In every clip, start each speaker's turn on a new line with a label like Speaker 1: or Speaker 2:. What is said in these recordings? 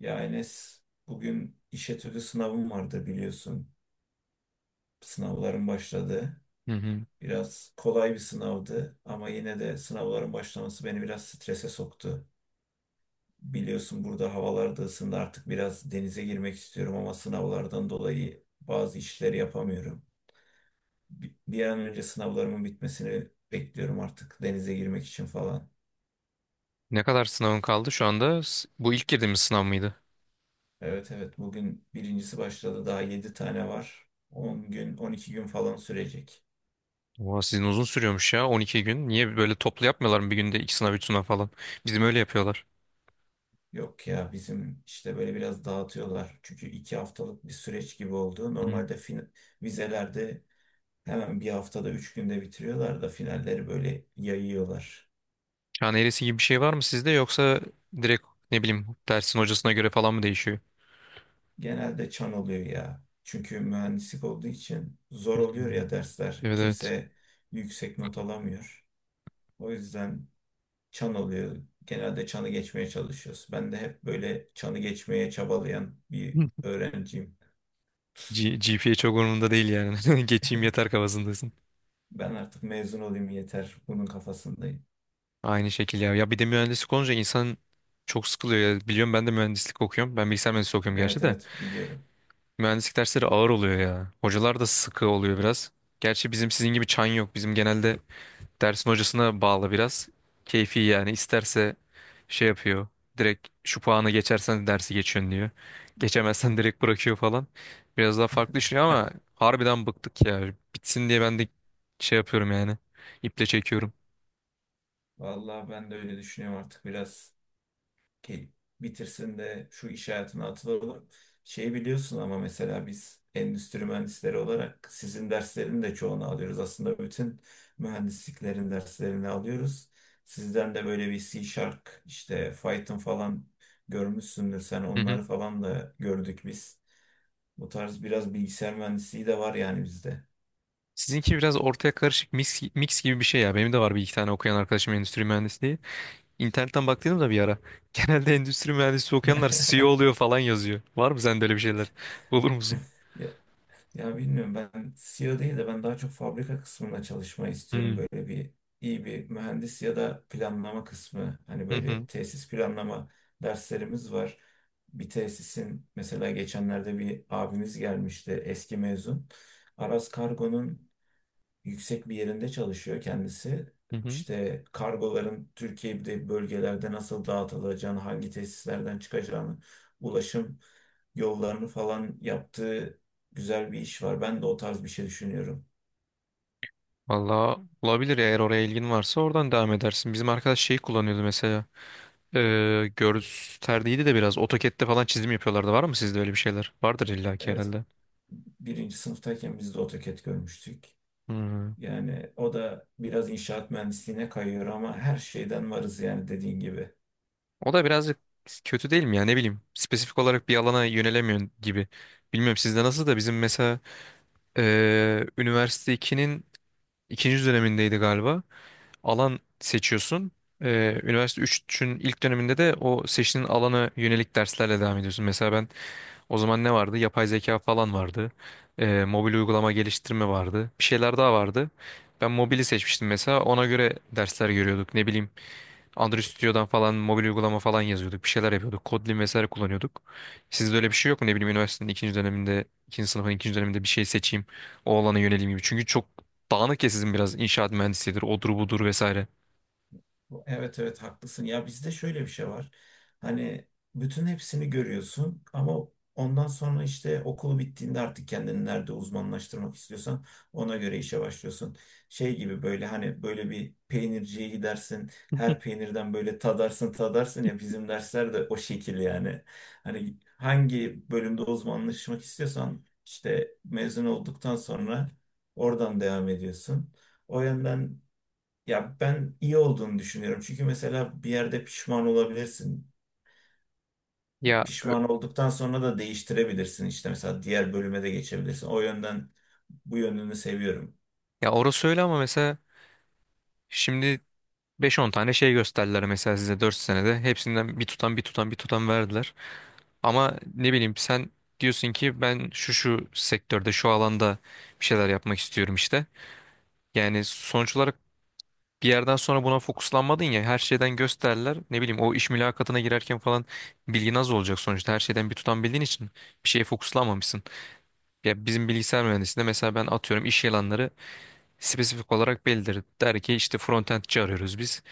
Speaker 1: Ya Enes, bugün iş etüdü sınavım vardı biliyorsun. Sınavların başladı.
Speaker 2: Hı hı.
Speaker 1: Biraz kolay bir sınavdı ama yine de sınavların başlaması beni biraz strese soktu. Biliyorsun burada havalar da ısındı artık biraz denize girmek istiyorum ama sınavlardan dolayı bazı işleri yapamıyorum. Bir an önce sınavlarımın bitmesini bekliyorum artık denize girmek için falan.
Speaker 2: Ne kadar sınavın kaldı şu anda? Bu ilk girdiğimiz sınav mıydı?
Speaker 1: Evet evet, bugün birincisi başladı, daha 7 tane var. 10 gün 12 gün falan sürecek.
Speaker 2: Oha sizin uzun sürüyormuş ya 12 gün. Niye böyle toplu yapmıyorlar mı bir günde iki sınav üç sınav falan? Bizim öyle yapıyorlar.
Speaker 1: Yok ya, bizim işte böyle biraz dağıtıyorlar. Çünkü 2 haftalık bir süreç gibi oldu.
Speaker 2: Hı.
Speaker 1: Normalde vizelerde hemen bir haftada 3 günde bitiriyorlar da finalleri böyle yayıyorlar.
Speaker 2: Yani eresi gibi bir şey var mı sizde yoksa direkt ne bileyim dersin hocasına göre falan mı değişiyor?
Speaker 1: Genelde çan oluyor ya. Çünkü mühendislik olduğu için zor
Speaker 2: Hı.
Speaker 1: oluyor ya dersler.
Speaker 2: Evet evet.
Speaker 1: Kimse yüksek not alamıyor. O yüzden çan oluyor. Genelde çanı geçmeye çalışıyoruz. Ben de hep böyle çanı geçmeye çabalayan bir
Speaker 2: Hı.
Speaker 1: öğrenciyim.
Speaker 2: GPA çok umurumda değil yani. Geçeyim yeter kafasındasın.
Speaker 1: Ben artık mezun olayım yeter. Bunun kafasındayım.
Speaker 2: Aynı şekil ya. Ya bir de mühendislik olunca insan çok sıkılıyor ya. Biliyorum ben de mühendislik okuyorum. Ben bilgisayar mühendisliği okuyorum gerçi
Speaker 1: Evet
Speaker 2: de.
Speaker 1: evet, biliyorum.
Speaker 2: Mühendislik dersleri ağır oluyor ya. Hocalar da sıkı oluyor biraz. Gerçi bizim sizin gibi çan yok. Bizim genelde dersin hocasına bağlı biraz. Keyfi yani isterse şey yapıyor. Direkt şu puanı geçersen dersi geçiyorsun diyor. Geçemezsen direkt bırakıyor falan. Biraz daha farklı düşünüyor ama harbiden bıktık ya. Bitsin diye ben de şey yapıyorum yani. İple çekiyorum.
Speaker 1: Vallahi ben de öyle düşünüyorum artık biraz ke- bitirsin de şu iş hayatına atılalım. Şeyi biliyorsun ama mesela biz endüstri mühendisleri olarak sizin derslerin de çoğunu alıyoruz. Aslında bütün mühendisliklerin derslerini alıyoruz. Sizden de böyle bir C Sharp işte Python falan görmüşsündür, sen
Speaker 2: Hı hı.
Speaker 1: onları falan da gördük biz. Bu tarz biraz bilgisayar mühendisliği de var yani bizde.
Speaker 2: Sizinki biraz ortaya karışık mix gibi bir şey ya. Benim de var bir iki tane okuyan arkadaşım endüstri mühendisliği. İnternetten baktıydım da bir ara. Genelde endüstri mühendisi okuyanlar CEO oluyor falan yazıyor. Var mı sende öyle bir şeyler? Olur musun?
Speaker 1: Ya bilmiyorum, ben CEO değil de ben daha çok fabrika kısmında çalışmayı istiyorum.
Speaker 2: Hmm.
Speaker 1: Böyle bir iyi bir mühendis ya da planlama kısmı. Hani
Speaker 2: Hı
Speaker 1: böyle
Speaker 2: hı.
Speaker 1: tesis planlama derslerimiz var. Bir tesisin mesela, geçenlerde bir abimiz gelmişti, eski mezun. Aras Kargo'nun yüksek bir yerinde çalışıyor kendisi.
Speaker 2: Hı hı.
Speaker 1: İşte kargoların Türkiye'de bölgelerde nasıl dağıtılacağını, hangi tesislerden çıkacağını, ulaşım yollarını falan yaptığı güzel bir iş var. Ben de o tarz bir şey düşünüyorum.
Speaker 2: Valla olabilir eğer oraya ilgin varsa oradan devam edersin. Bizim arkadaş şeyi kullanıyordu mesela. Gösterdiydi de biraz. AutoCAD'de falan çizim yapıyorlardı. Var mı sizde öyle bir şeyler? Vardır illaki
Speaker 1: Evet,
Speaker 2: herhalde.
Speaker 1: birinci sınıftayken biz de AutoCAD görmüştük.
Speaker 2: Hmm.
Speaker 1: Yani o da biraz inşaat mühendisliğine kayıyor ama her şeyden varız yani, dediğin gibi.
Speaker 2: O da birazcık kötü değil mi ya ne bileyim. Spesifik olarak bir alana yönelemiyorsun gibi. Bilmiyorum sizde nasıl da bizim mesela üniversite 2'nin ikinci dönemindeydi galiba. Alan seçiyorsun. Üniversite 3'ün ilk döneminde de o seçtiğin alana yönelik derslerle devam ediyorsun. Mesela ben o zaman ne vardı? Yapay zeka falan vardı. Mobil uygulama geliştirme vardı. Bir şeyler daha vardı. Ben mobili seçmiştim mesela. Ona göre dersler görüyorduk. Ne bileyim Android Studio'dan falan mobil uygulama falan yazıyorduk. Bir şeyler yapıyorduk. Kotlin vesaire kullanıyorduk. Sizde öyle bir şey yok mu? Ne bileyim üniversitenin ikinci döneminde, ikinci sınıfın ikinci döneminde bir şey seçeyim. O alana yöneleyim gibi. Çünkü çok dağınık ya sizin biraz inşaat mühendisidir, odur budur vesaire.
Speaker 1: Evet evet, haklısın. Ya bizde şöyle bir şey var. Hani bütün hepsini görüyorsun ama ondan sonra işte okul bittiğinde artık kendini nerede uzmanlaştırmak istiyorsan ona göre işe başlıyorsun. Şey gibi, böyle hani böyle bir peynirciye gidersin. Her peynirden böyle tadarsın tadarsın ya, bizim dersler de o şekil yani. Hani hangi bölümde uzmanlaşmak istiyorsan, işte mezun olduktan sonra oradan devam ediyorsun. O yönden ya, ben iyi olduğunu düşünüyorum. Çünkü mesela bir yerde pişman olabilirsin.
Speaker 2: Ya
Speaker 1: Pişman olduktan sonra da değiştirebilirsin. İşte mesela diğer bölüme de geçebilirsin. O yönden bu yönünü seviyorum.
Speaker 2: ya orası öyle ama mesela şimdi beş on tane şey gösterdiler mesela size 4 senede. Hepsinden bir tutam bir tutam bir tutam verdiler. Ama ne bileyim sen diyorsun ki ben şu şu sektörde şu alanda bir şeyler yapmak istiyorum işte. Yani sonuç olarak bir yerden sonra buna fokuslanmadın ya her şeyden gösterdiler. Ne bileyim o iş mülakatına girerken falan bilgin az olacak sonuçta. Her şeyden bir tutam bildiğin için bir şeye fokuslanmamışsın. Ya bizim bilgisayar mühendisliğinde mesela ben atıyorum iş ilanları spesifik olarak belirtir. Der ki işte frontendçi arıyoruz biz.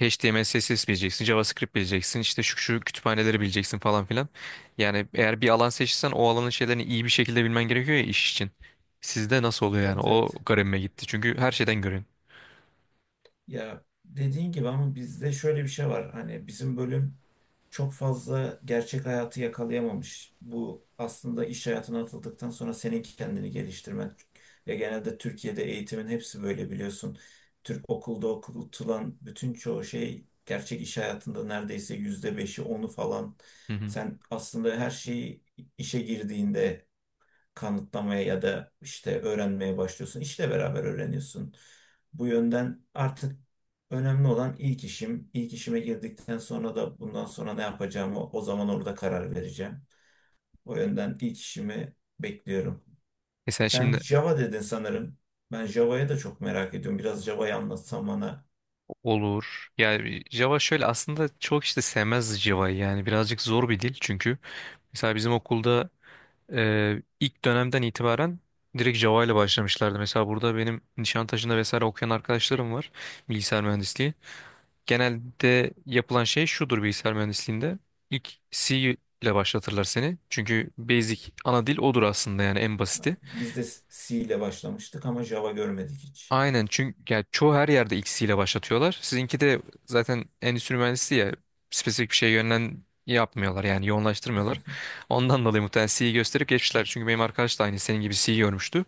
Speaker 2: HTML, CSS bileceksin, JavaScript bileceksin, işte şu şu kütüphaneleri bileceksin falan filan. Yani eğer bir alan seçsen o alanın şeylerini iyi bir şekilde bilmen gerekiyor ya iş için. Sizde nasıl oluyor yani?
Speaker 1: Evet
Speaker 2: O
Speaker 1: evet.
Speaker 2: garibime gitti. Çünkü her şeyden görün.
Speaker 1: Ya dediğin gibi ama bizde şöyle bir şey var. Hani bizim bölüm çok fazla gerçek hayatı yakalayamamış. Bu aslında iş hayatına atıldıktan sonra senin kendini geliştirmen. Ve genelde Türkiye'de eğitimin hepsi böyle, biliyorsun. Türk okulda okutulan bütün çoğu şey gerçek iş hayatında neredeyse %5'i onu falan.
Speaker 2: Hı hı.
Speaker 1: Sen aslında her şeyi işe girdiğinde kanıtlamaya ya da işte öğrenmeye başlıyorsun. İşle beraber öğreniyorsun. Bu yönden artık önemli olan ilk işim. İlk işime girdikten sonra da bundan sonra ne yapacağımı o zaman orada karar vereceğim. O yönden ilk işimi bekliyorum.
Speaker 2: E sen
Speaker 1: Sen
Speaker 2: şimdi
Speaker 1: Java dedin sanırım. Ben Java'ya da çok merak ediyorum. Biraz Java'yı anlatsan bana.
Speaker 2: olur. Yani Java şöyle aslında çok işte sevmez Java'yı yani birazcık zor bir dil çünkü. Mesela bizim okulda ilk dönemden itibaren direkt Java ile başlamışlardı. Mesela burada benim Nişantaşı'nda vesaire okuyan arkadaşlarım var bilgisayar mühendisliği. Genelde yapılan şey şudur bilgisayar mühendisliğinde. İlk C ile başlatırlar seni. Çünkü basic ana dil odur aslında yani en basiti.
Speaker 1: Biz de C ile başlamıştık ama Java görmedik hiç.
Speaker 2: Aynen çünkü yani çoğu her yerde X ile başlatıyorlar. Sizinki de zaten endüstri mühendisliği ya spesifik bir şeye yönlen yapmıyorlar yani yoğunlaştırmıyorlar. Ondan dolayı muhtemelen C'yi gösterip geçmişler. Çünkü benim arkadaş da aynı senin gibi C'yi görmüştü.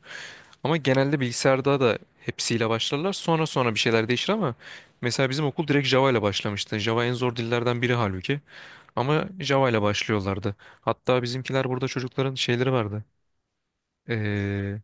Speaker 2: Ama genelde bilgisayarda da hepsiyle başlarlar. Sonra bir şeyler değişir ama mesela bizim okul direkt Java ile başlamıştı. Java en zor dillerden biri halbuki. Ama Java ile başlıyorlardı. Hatta bizimkiler burada çocukların şeyleri vardı. Ee,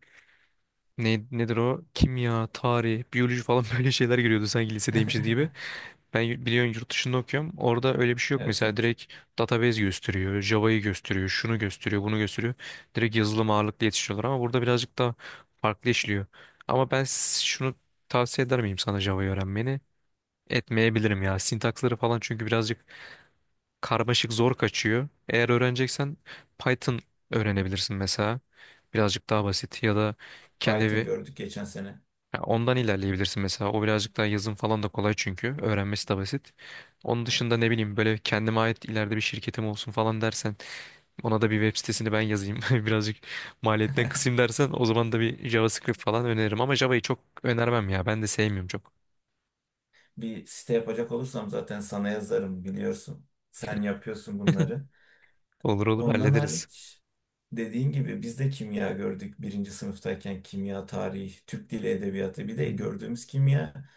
Speaker 2: nedir o? Kimya, tarih, biyoloji falan böyle şeyler giriyordu sanki lisedeymişiz gibi. Biliyorsun yurt dışında okuyorum. Orada öyle bir şey yok.
Speaker 1: Evet
Speaker 2: Mesela
Speaker 1: evet.
Speaker 2: direkt database gösteriyor, Java'yı gösteriyor, şunu gösteriyor, bunu gösteriyor. Direkt yazılım ağırlıklı yetişiyorlar ama burada birazcık daha farklı işliyor. Şunu tavsiye eder miyim sana Java'yı öğrenmeni? Etmeyebilirim ya. Sintaksları falan çünkü birazcık karmaşık zor kaçıyor. Eğer öğreneceksen Python öğrenebilirsin mesela. Birazcık daha basit ya da kendi
Speaker 1: Python gördük geçen sene.
Speaker 2: ya ondan ilerleyebilirsin mesela. O birazcık daha yazım falan da kolay çünkü. Öğrenmesi de basit. Onun dışında ne bileyim böyle kendime ait ileride bir şirketim olsun falan dersen ona da bir web sitesini ben yazayım. Birazcık maliyetten kısayım dersen o zaman da bir JavaScript falan öneririm. Ama Java'yı çok önermem ya. Ben de sevmiyorum çok.
Speaker 1: Bir site yapacak olursam zaten sana yazarım, biliyorsun. Sen yapıyorsun bunları.
Speaker 2: Olur olur
Speaker 1: Ondan
Speaker 2: hallederiz.
Speaker 1: hariç, dediğin gibi biz de kimya gördük birinci sınıftayken. Kimya, tarih, Türk dili edebiyatı, bir de
Speaker 2: Hı hı.
Speaker 1: gördüğümüz kimya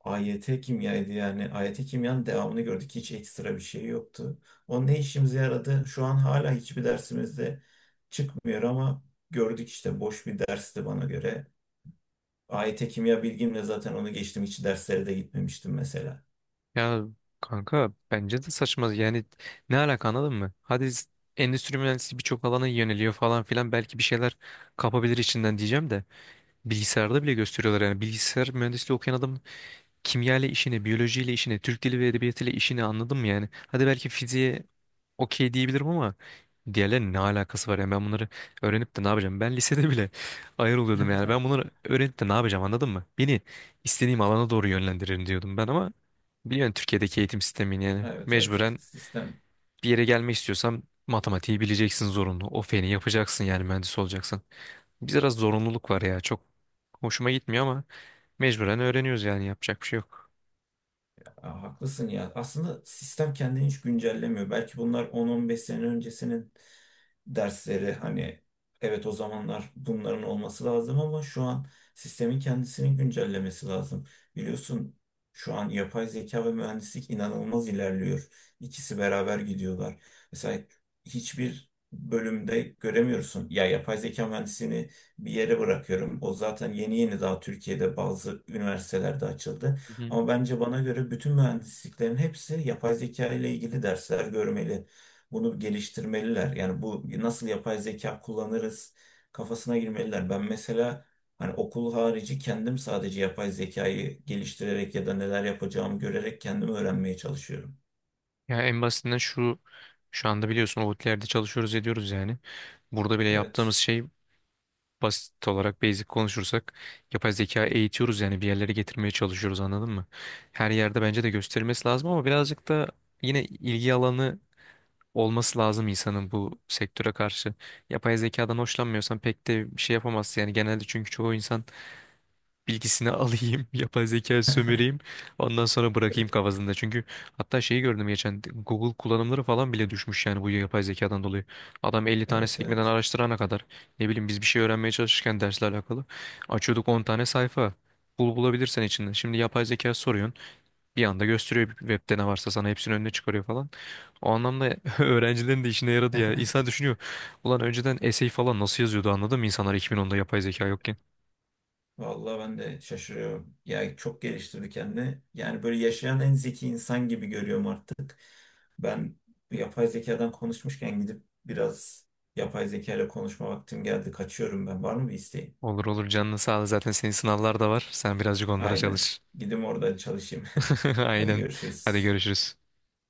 Speaker 1: AYT kimyaydı yani. AYT kimyanın devamını gördük. Hiç ekstra bir şey yoktu. O ne işimize yaradı? Şu an hala hiçbir dersimizde çıkmıyor ama gördük işte, boş bir dersti bana göre. AYT kimya bilgimle zaten onu geçtim. Hiç derslere de gitmemiştim mesela.
Speaker 2: Ya kanka bence de saçma. Yani ne alaka anladın mı? Endüstri mühendisliği birçok alana yöneliyor falan filan. Belki bir şeyler kapabilir içinden diyeceğim de. Bilgisayarda bile gösteriyorlar yani. Bilgisayar mühendisliği okuyan adam kimya ile işini, biyoloji ile işini, Türk dili ve edebiyatı ile işini anladım yani. Hadi belki fiziğe okey diyebilirim ama diğerlerinin ne alakası var yani ben bunları öğrenip de ne yapacağım? Ben lisede bile ayar oluyordum yani. Ben bunları öğrenip de ne yapacağım anladın mı? Beni istediğim alana doğru yönlendirin diyordum ben ama biliyorsun Türkiye'deki eğitim sistemini yani
Speaker 1: Evet evet,
Speaker 2: mecburen
Speaker 1: sistem.
Speaker 2: bir yere gelmek istiyorsam matematiği bileceksin zorunlu. O feni yapacaksın yani mühendis olacaksın. Biraz zorunluluk var ya çok hoşuma gitmiyor ama mecburen öğreniyoruz yani yapacak bir şey yok.
Speaker 1: Ya, haklısın ya. Aslında sistem kendini hiç güncellemiyor. Belki bunlar 10-15 sene öncesinin dersleri. Hani evet, o zamanlar bunların olması lazım ama şu an sistemin kendisinin güncellemesi lazım. Biliyorsun şu an yapay zeka ve mühendislik inanılmaz ilerliyor. İkisi beraber gidiyorlar. Mesela hiçbir bölümde göremiyorsun. Ya yapay zeka mühendisliğini bir yere bırakıyorum. O zaten yeni yeni, daha Türkiye'de bazı üniversitelerde açıldı.
Speaker 2: Hı.
Speaker 1: Ama bence, bana göre bütün mühendisliklerin hepsi yapay zeka ile ilgili dersler görmeli. Bunu geliştirmeliler. Yani bu nasıl yapay zeka kullanırız kafasına girmeliler. Ben mesela hani okul harici kendim sadece yapay zekayı geliştirerek ya da neler yapacağımı görerek kendim öğrenmeye çalışıyorum.
Speaker 2: Ya en basitinden şu anda biliyorsun Outlier'de çalışıyoruz ediyoruz yani. Burada bile
Speaker 1: Evet,
Speaker 2: yaptığımız şey basit olarak basic konuşursak yapay zeka eğitiyoruz yani bir yerlere getirmeye çalışıyoruz anladın mı? Her yerde bence de gösterilmesi lazım ama birazcık da yine ilgi alanı olması lazım insanın bu sektöre karşı. Yapay zekadan hoşlanmıyorsan pek de bir şey yapamazsın yani genelde çünkü çoğu insan bilgisini alayım, yapay zeka sömüreyim, ondan sonra bırakayım kafasında. Çünkü hatta şeyi gördüm geçen Google kullanımları falan bile düşmüş yani bu yapay zekadan dolayı. Adam 50 tane
Speaker 1: evet,
Speaker 2: sekmeden
Speaker 1: evet.
Speaker 2: araştırana kadar ne bileyim biz bir şey öğrenmeye çalışırken dersle alakalı açıyorduk 10 tane sayfa. Bul bulabilirsen içinden. Şimdi yapay zeka soruyorsun. Bir anda gösteriyor webde ne varsa sana hepsinin önüne çıkarıyor falan. O anlamda öğrencilerin de işine yaradı ya. İnsan düşünüyor. Ulan önceden essay falan nasıl yazıyordu anladın mı insanlar 2010'da yapay zeka yokken?
Speaker 1: Vallahi ben de şaşırıyorum. Yani çok geliştirdi kendini. Yani böyle yaşayan en zeki insan gibi görüyorum artık. Ben bu yapay zekadan konuşmuşken gidip biraz yapay zeka ile konuşma vaktim geldi. Kaçıyorum ben. Var mı bir isteğin?
Speaker 2: Olur olur canını sağ ol. Zaten senin sınavlar da var. Sen birazcık onlara
Speaker 1: Aynen.
Speaker 2: çalış.
Speaker 1: Gidim orada çalışayım. Hadi
Speaker 2: Aynen. Hadi
Speaker 1: görüşürüz.
Speaker 2: görüşürüz.